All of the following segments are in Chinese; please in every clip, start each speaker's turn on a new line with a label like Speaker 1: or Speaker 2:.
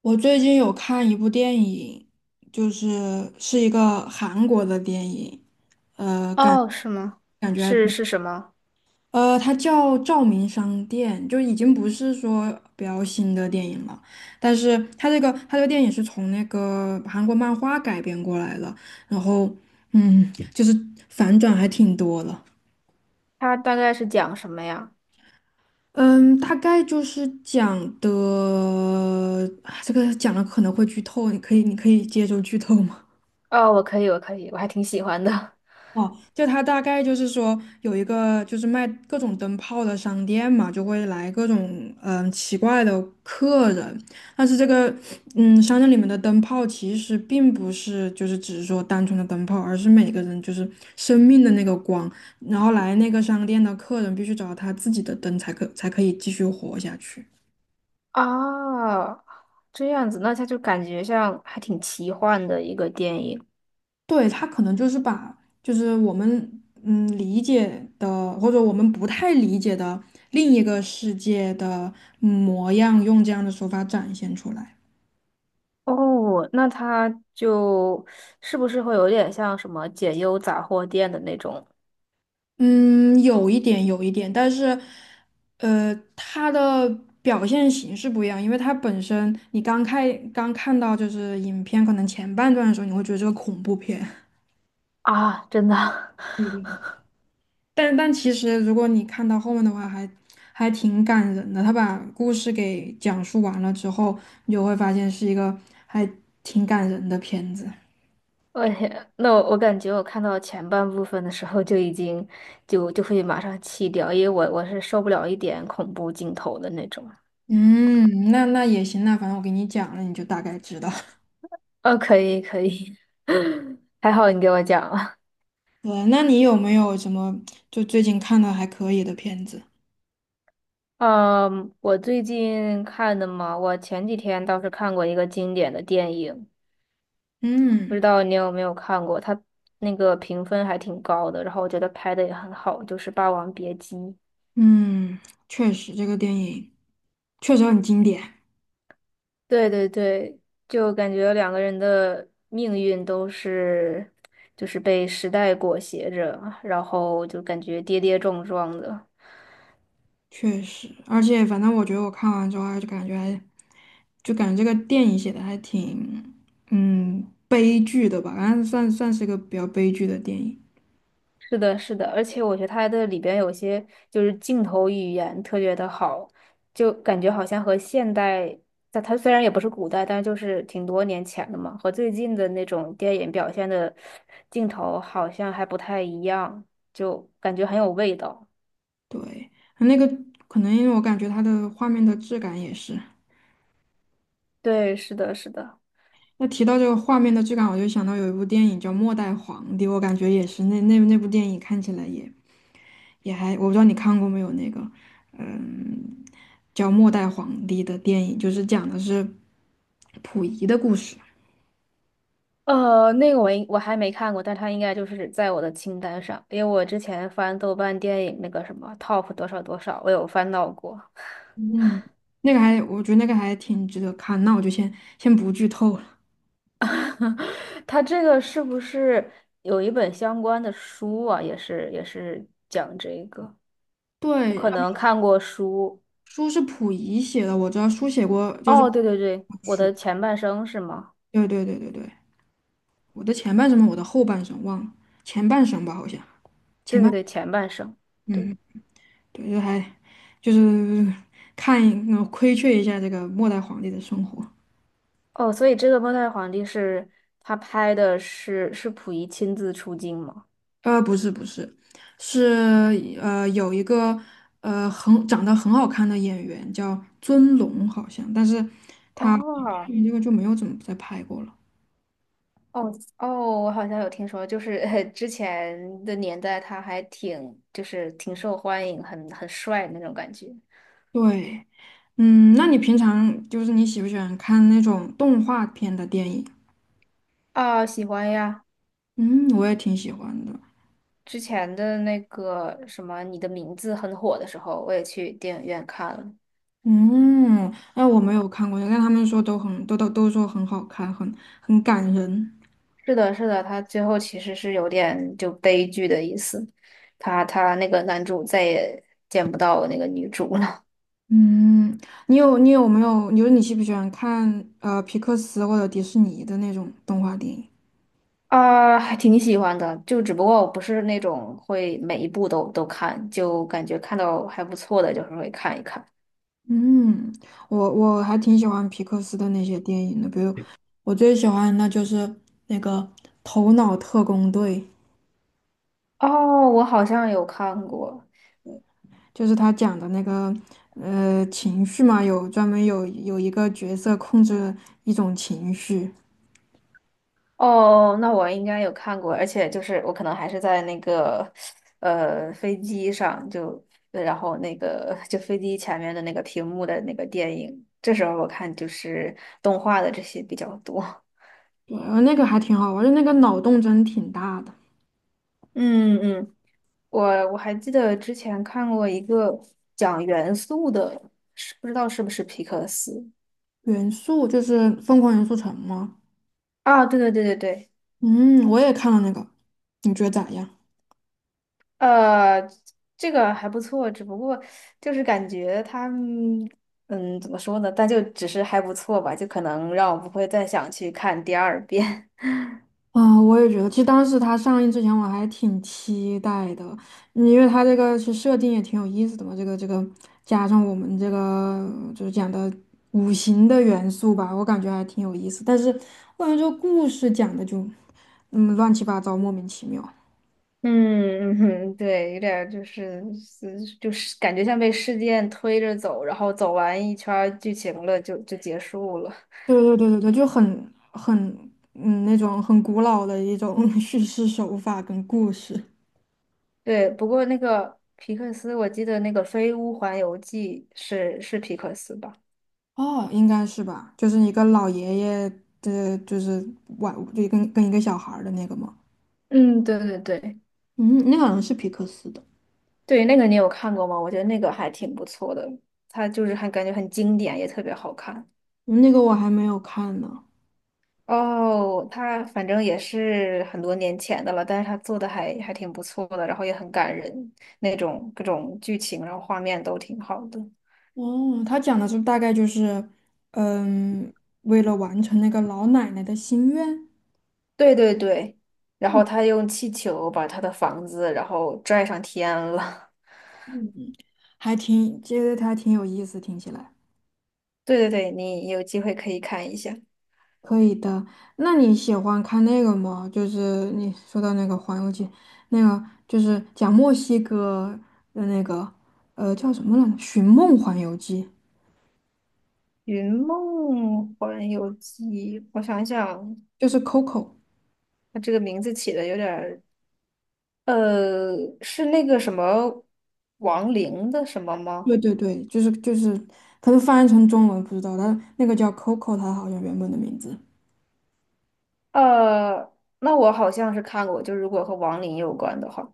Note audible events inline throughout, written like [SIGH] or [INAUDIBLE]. Speaker 1: 我最近有看一部电影，就是一个韩国的电影，
Speaker 2: 哦，是吗？
Speaker 1: 感觉还
Speaker 2: 是
Speaker 1: 挺
Speaker 2: 是什么？
Speaker 1: 它叫《照明商店》，就已经不是说比较新的电影了，但是它这个电影是从那个韩国漫画改编过来的，然后就是反转还挺多的。
Speaker 2: 它大概是讲什么呀？
Speaker 1: 嗯，大概就是讲的，啊这个讲了可能会剧透，你可以接受剧透吗？
Speaker 2: 哦，我可以，我可以，我还挺喜欢的。
Speaker 1: 就他大概就是说有一个就是卖各种灯泡的商店嘛，就会来各种奇怪的客人，但是这个商店里面的灯泡其实并不是就是只是说单纯的灯泡，而是每个人就是生命的那个光，然后来那个商店的客人必须找到他自己的灯才可以继续活下去。
Speaker 2: 啊，这样子，那它就感觉像还挺奇幻的一个电影。
Speaker 1: 对，他可能就是把就是我们理解的或者我们不太理解的另一个世界的模样，用这样的手法展现出来。
Speaker 2: 哦，那它就是不是会有点像什么解忧杂货店的那种？
Speaker 1: 嗯，有一点，有一点，但是它的表现形式不一样，因为它本身你刚看到就是影片可能前半段的时候，你会觉得这个恐怖片。
Speaker 2: 啊？真的，
Speaker 1: [LAUGHS] 但其实，如果你看到后面的话还，还挺感人的。他把故事给讲述完了之后，你就会发现是一个还挺感人的片子。
Speaker 2: [LAUGHS] 我天，那我感觉我看到前半部分的时候就已经就会马上弃掉，因为我是受不了一点恐怖镜头的那种。
Speaker 1: 嗯，那也行，那反正我给你讲了，你就大概知道。
Speaker 2: 哦，可以可以，[LAUGHS] 还好你给我讲了。
Speaker 1: [LAUGHS] 对，那你有没有什么就最近看的还可以的片子？
Speaker 2: 嗯，我最近看的嘛，我前几天倒是看过一个经典的电影，不知
Speaker 1: 嗯
Speaker 2: 道你有没有看过？它那个评分还挺高的，然后我觉得拍的也很好，就是《霸王别姬》。
Speaker 1: 嗯，确实这个电影确实很经典。
Speaker 2: 对对对，就感觉两个人的命运都是，就是被时代裹挟着，然后就感觉跌跌撞撞的。
Speaker 1: 确实，而且反正我觉得我看完之后还就感觉还，就感觉这个电影写的还挺，嗯，悲剧的吧，反正算是一个比较悲剧的电影。
Speaker 2: 是的，是的，而且我觉得它的里边有些就是镜头语言特别的好，就感觉好像和现代，在它虽然也不是古代，但就是挺多年前的嘛，和最近的那种电影表现的镜头好像还不太一样，就感觉很有味道。
Speaker 1: 对，那个可能因为我感觉它的画面的质感也是。
Speaker 2: 对，是的，是的。
Speaker 1: 那提到这个画面的质感，我就想到有一部电影叫《末代皇帝》，我感觉也是那那部电影看起来也也还，我不知道你看过没有那个，嗯，叫《末代皇帝》的电影，就是讲的是溥仪的故事。
Speaker 2: 那个我还没看过，但它应该就是在我的清单上，因为我之前翻豆瓣电影那个什么 top 多少多少，我有翻到过。
Speaker 1: 嗯，那个还，我觉得那个还挺值得看。那我就先不剧透了。
Speaker 2: [LAUGHS] 他这个是不是有一本相关的书啊？也是讲这个，我
Speaker 1: 对，
Speaker 2: 可
Speaker 1: 嗯
Speaker 2: 能看过书。
Speaker 1: 书是溥仪写的，我知道书写过，就是
Speaker 2: 哦，对对对，我的前半生是吗？
Speaker 1: 对对对对对，我的前半生嘛，我的后半生忘了，前半生吧，好像前
Speaker 2: 对对
Speaker 1: 半，
Speaker 2: 对，前半生。对，
Speaker 1: 嗯，对，就还就是 [LAUGHS] 看一窥觑一下这个末代皇帝的生活。
Speaker 2: 哦，所以这个末代皇帝是他拍的是溥仪亲自出镜吗？
Speaker 1: 不是，是有一个很长得很好看的演员叫尊龙，好像，但是
Speaker 2: 哦
Speaker 1: 这个就没有怎么再拍过了。
Speaker 2: 哦哦，我好像有听说，就是 [LAUGHS] 之前的年代他还挺就是挺受欢迎，很帅那种感觉。
Speaker 1: 对，嗯，那你平常就是你喜不喜欢看那种动画片的电影？
Speaker 2: 啊，喜欢呀。
Speaker 1: 嗯，我也挺喜欢的。
Speaker 2: 之前的那个什么《你的名字》很火的时候，我也去电影院看了。
Speaker 1: 嗯，哎，我没有看过，但他们说都说很好看，很很感人。
Speaker 2: 是的，是的，他最后其实是有点就悲剧的意思，他那个男主再也见不到那个女主了。
Speaker 1: 嗯，你有没有？你说你喜不喜欢看皮克斯或者迪士尼的那种动画电影？
Speaker 2: 啊，还挺喜欢的，就只不过我不是那种会每一部都看，就感觉看到还不错的，就是会看一看。
Speaker 1: 嗯，我还挺喜欢皮克斯的那些电影的，比如我最喜欢的就是那个《头脑特工队》。
Speaker 2: 哦，我好像有看过。
Speaker 1: 就是他讲的那个情绪嘛，有专门有一个角色控制一种情绪，
Speaker 2: 哦，那我应该有看过，而且就是我可能还是在那个飞机上，就然后那个就飞机前面的那个屏幕的那个电影，这时候我看就是动画的这些比较多。[LAUGHS]
Speaker 1: 对，那个还挺好玩儿，就那个脑洞真挺大的。
Speaker 2: 嗯嗯，我我还记得之前看过一个讲元素的，是不知道是不是皮克斯？
Speaker 1: 元素就是《疯狂元素城》吗？
Speaker 2: 啊？对对对对对，
Speaker 1: 嗯，我也看了那个，你觉得咋样？
Speaker 2: 呃，这个还不错，只不过就是感觉他们怎么说呢？但就只是还不错吧，就可能让我不会再想去看第二遍。[LAUGHS]
Speaker 1: 啊，我也觉得，其实当时它上映之前我还挺期待的，嗯因为它这个是设定也挺有意思的嘛，这个加上我们这个就是讲的五行的元素吧，我感觉还挺有意思。但是我感觉这个故事讲的就，嗯，乱七八糟，莫名其妙。
Speaker 2: 嗯，嗯对，有点儿就是就是感觉像被事件推着走，然后走完一圈儿剧情了，就结束了。
Speaker 1: 对对对对对，就很很那种很古老的一种 [LAUGHS] 叙事手法跟故事。
Speaker 2: 对，不过那个皮克斯，我记得那个《飞屋环游记》是皮克斯吧？
Speaker 1: 哦，应该是吧，就是一个老爷爷的，就是玩，就跟一个小孩儿的那个嘛。
Speaker 2: 嗯，对对对。
Speaker 1: 嗯，那个好像是皮克斯的，
Speaker 2: 对，那个你有看过吗？我觉得那个还挺不错的，它就是还感觉很经典，也特别好看。
Speaker 1: 那个我还没有看呢。
Speaker 2: 哦，它反正也是很多年前的了，但是它做的还挺不错的，然后也很感人，那种各种剧情，然后画面都挺好的。
Speaker 1: 哦，他讲的是大概就是，嗯，为了完成那个老奶奶的心愿，
Speaker 2: 对对对，然后他用气球把他的房子然后拽上天了。
Speaker 1: 嗯，还挺，觉得他挺有意思，听起来。
Speaker 2: [LAUGHS] 对对对，你有机会可以看一下
Speaker 1: 可以的，那你喜欢看那个吗？就是你说到那个《环游记》，那个就是讲墨西哥的那个，呃，叫什么来着？《寻梦环游记》，
Speaker 2: 《云梦环游记》，我想想，
Speaker 1: 就是 Coco。
Speaker 2: 他这个名字起的有点儿呃，是那个什么王林的什么吗？
Speaker 1: 对对对，就是，它是翻译成中文不知道，它那个叫 Coco，它好像原本的名字。
Speaker 2: 呃，那我好像是看过，就如果和王林有关的话。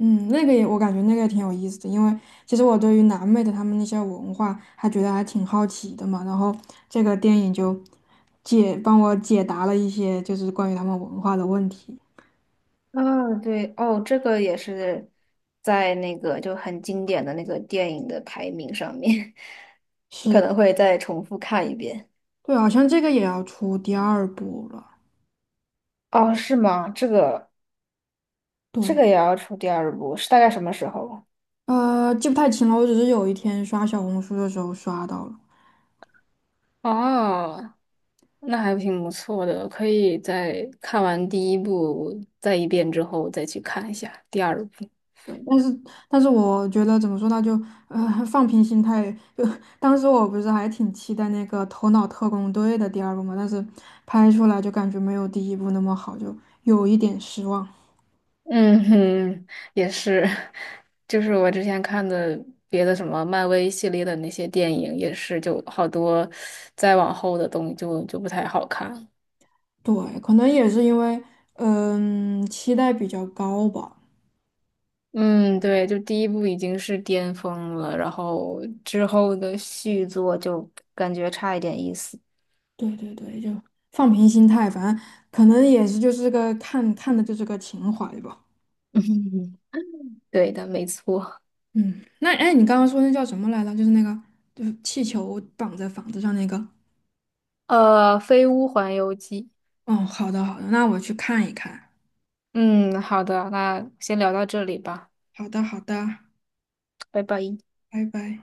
Speaker 1: 嗯，那个也我感觉那个也挺有意思的，因为其实我对于南美的他们那些文化还觉得还挺好奇的嘛。然后这个电影就帮我解答了一些就是关于他们文化的问题。
Speaker 2: 啊，对，哦，这个也是在那个就很经典的那个电影的排名上面，[LAUGHS] 我可
Speaker 1: 是，
Speaker 2: 能会再重复看一遍。
Speaker 1: 对，好像这个也要出第二部了。
Speaker 2: 哦，是吗？这个这
Speaker 1: 对，
Speaker 2: 个也要出第二部，是大概什么时候？
Speaker 1: 呃，记不太清了，我只是有一天刷小红书的时候刷到了。
Speaker 2: 哦，那还挺不错的，可以在看完第一部再一遍之后再去看一下第二部。
Speaker 1: 但是，但是我觉得怎么说呢，就放平心态。就当时我不是还挺期待那个《头脑特工队》的第二部嘛，但是拍出来就感觉没有第一部那么好，就有一点失望。
Speaker 2: 嗯哼，也是，[LAUGHS] 就是我之前看的别的什么漫威系列的那些电影，也是就好多再往后的东西就不太好看。
Speaker 1: 对，可能也是因为嗯期待比较高吧。
Speaker 2: 嗯，对，就第一部已经是巅峰了，然后之后的续作就感觉差一点意思。
Speaker 1: 对对对，就放平心态，反正可能也是就是个看看的就是个情怀吧。
Speaker 2: [LAUGHS] 嗯，对的，没错。
Speaker 1: 嗯，那哎，你刚刚说那叫什么来着？就是那个就是气球绑在房子上那个。
Speaker 2: 呃，《飞屋环游记》。
Speaker 1: 哦，好的好的，那我去看一看。
Speaker 2: 嗯，好的，那先聊到这里吧，
Speaker 1: 好的好的，
Speaker 2: 拜拜。
Speaker 1: 拜拜。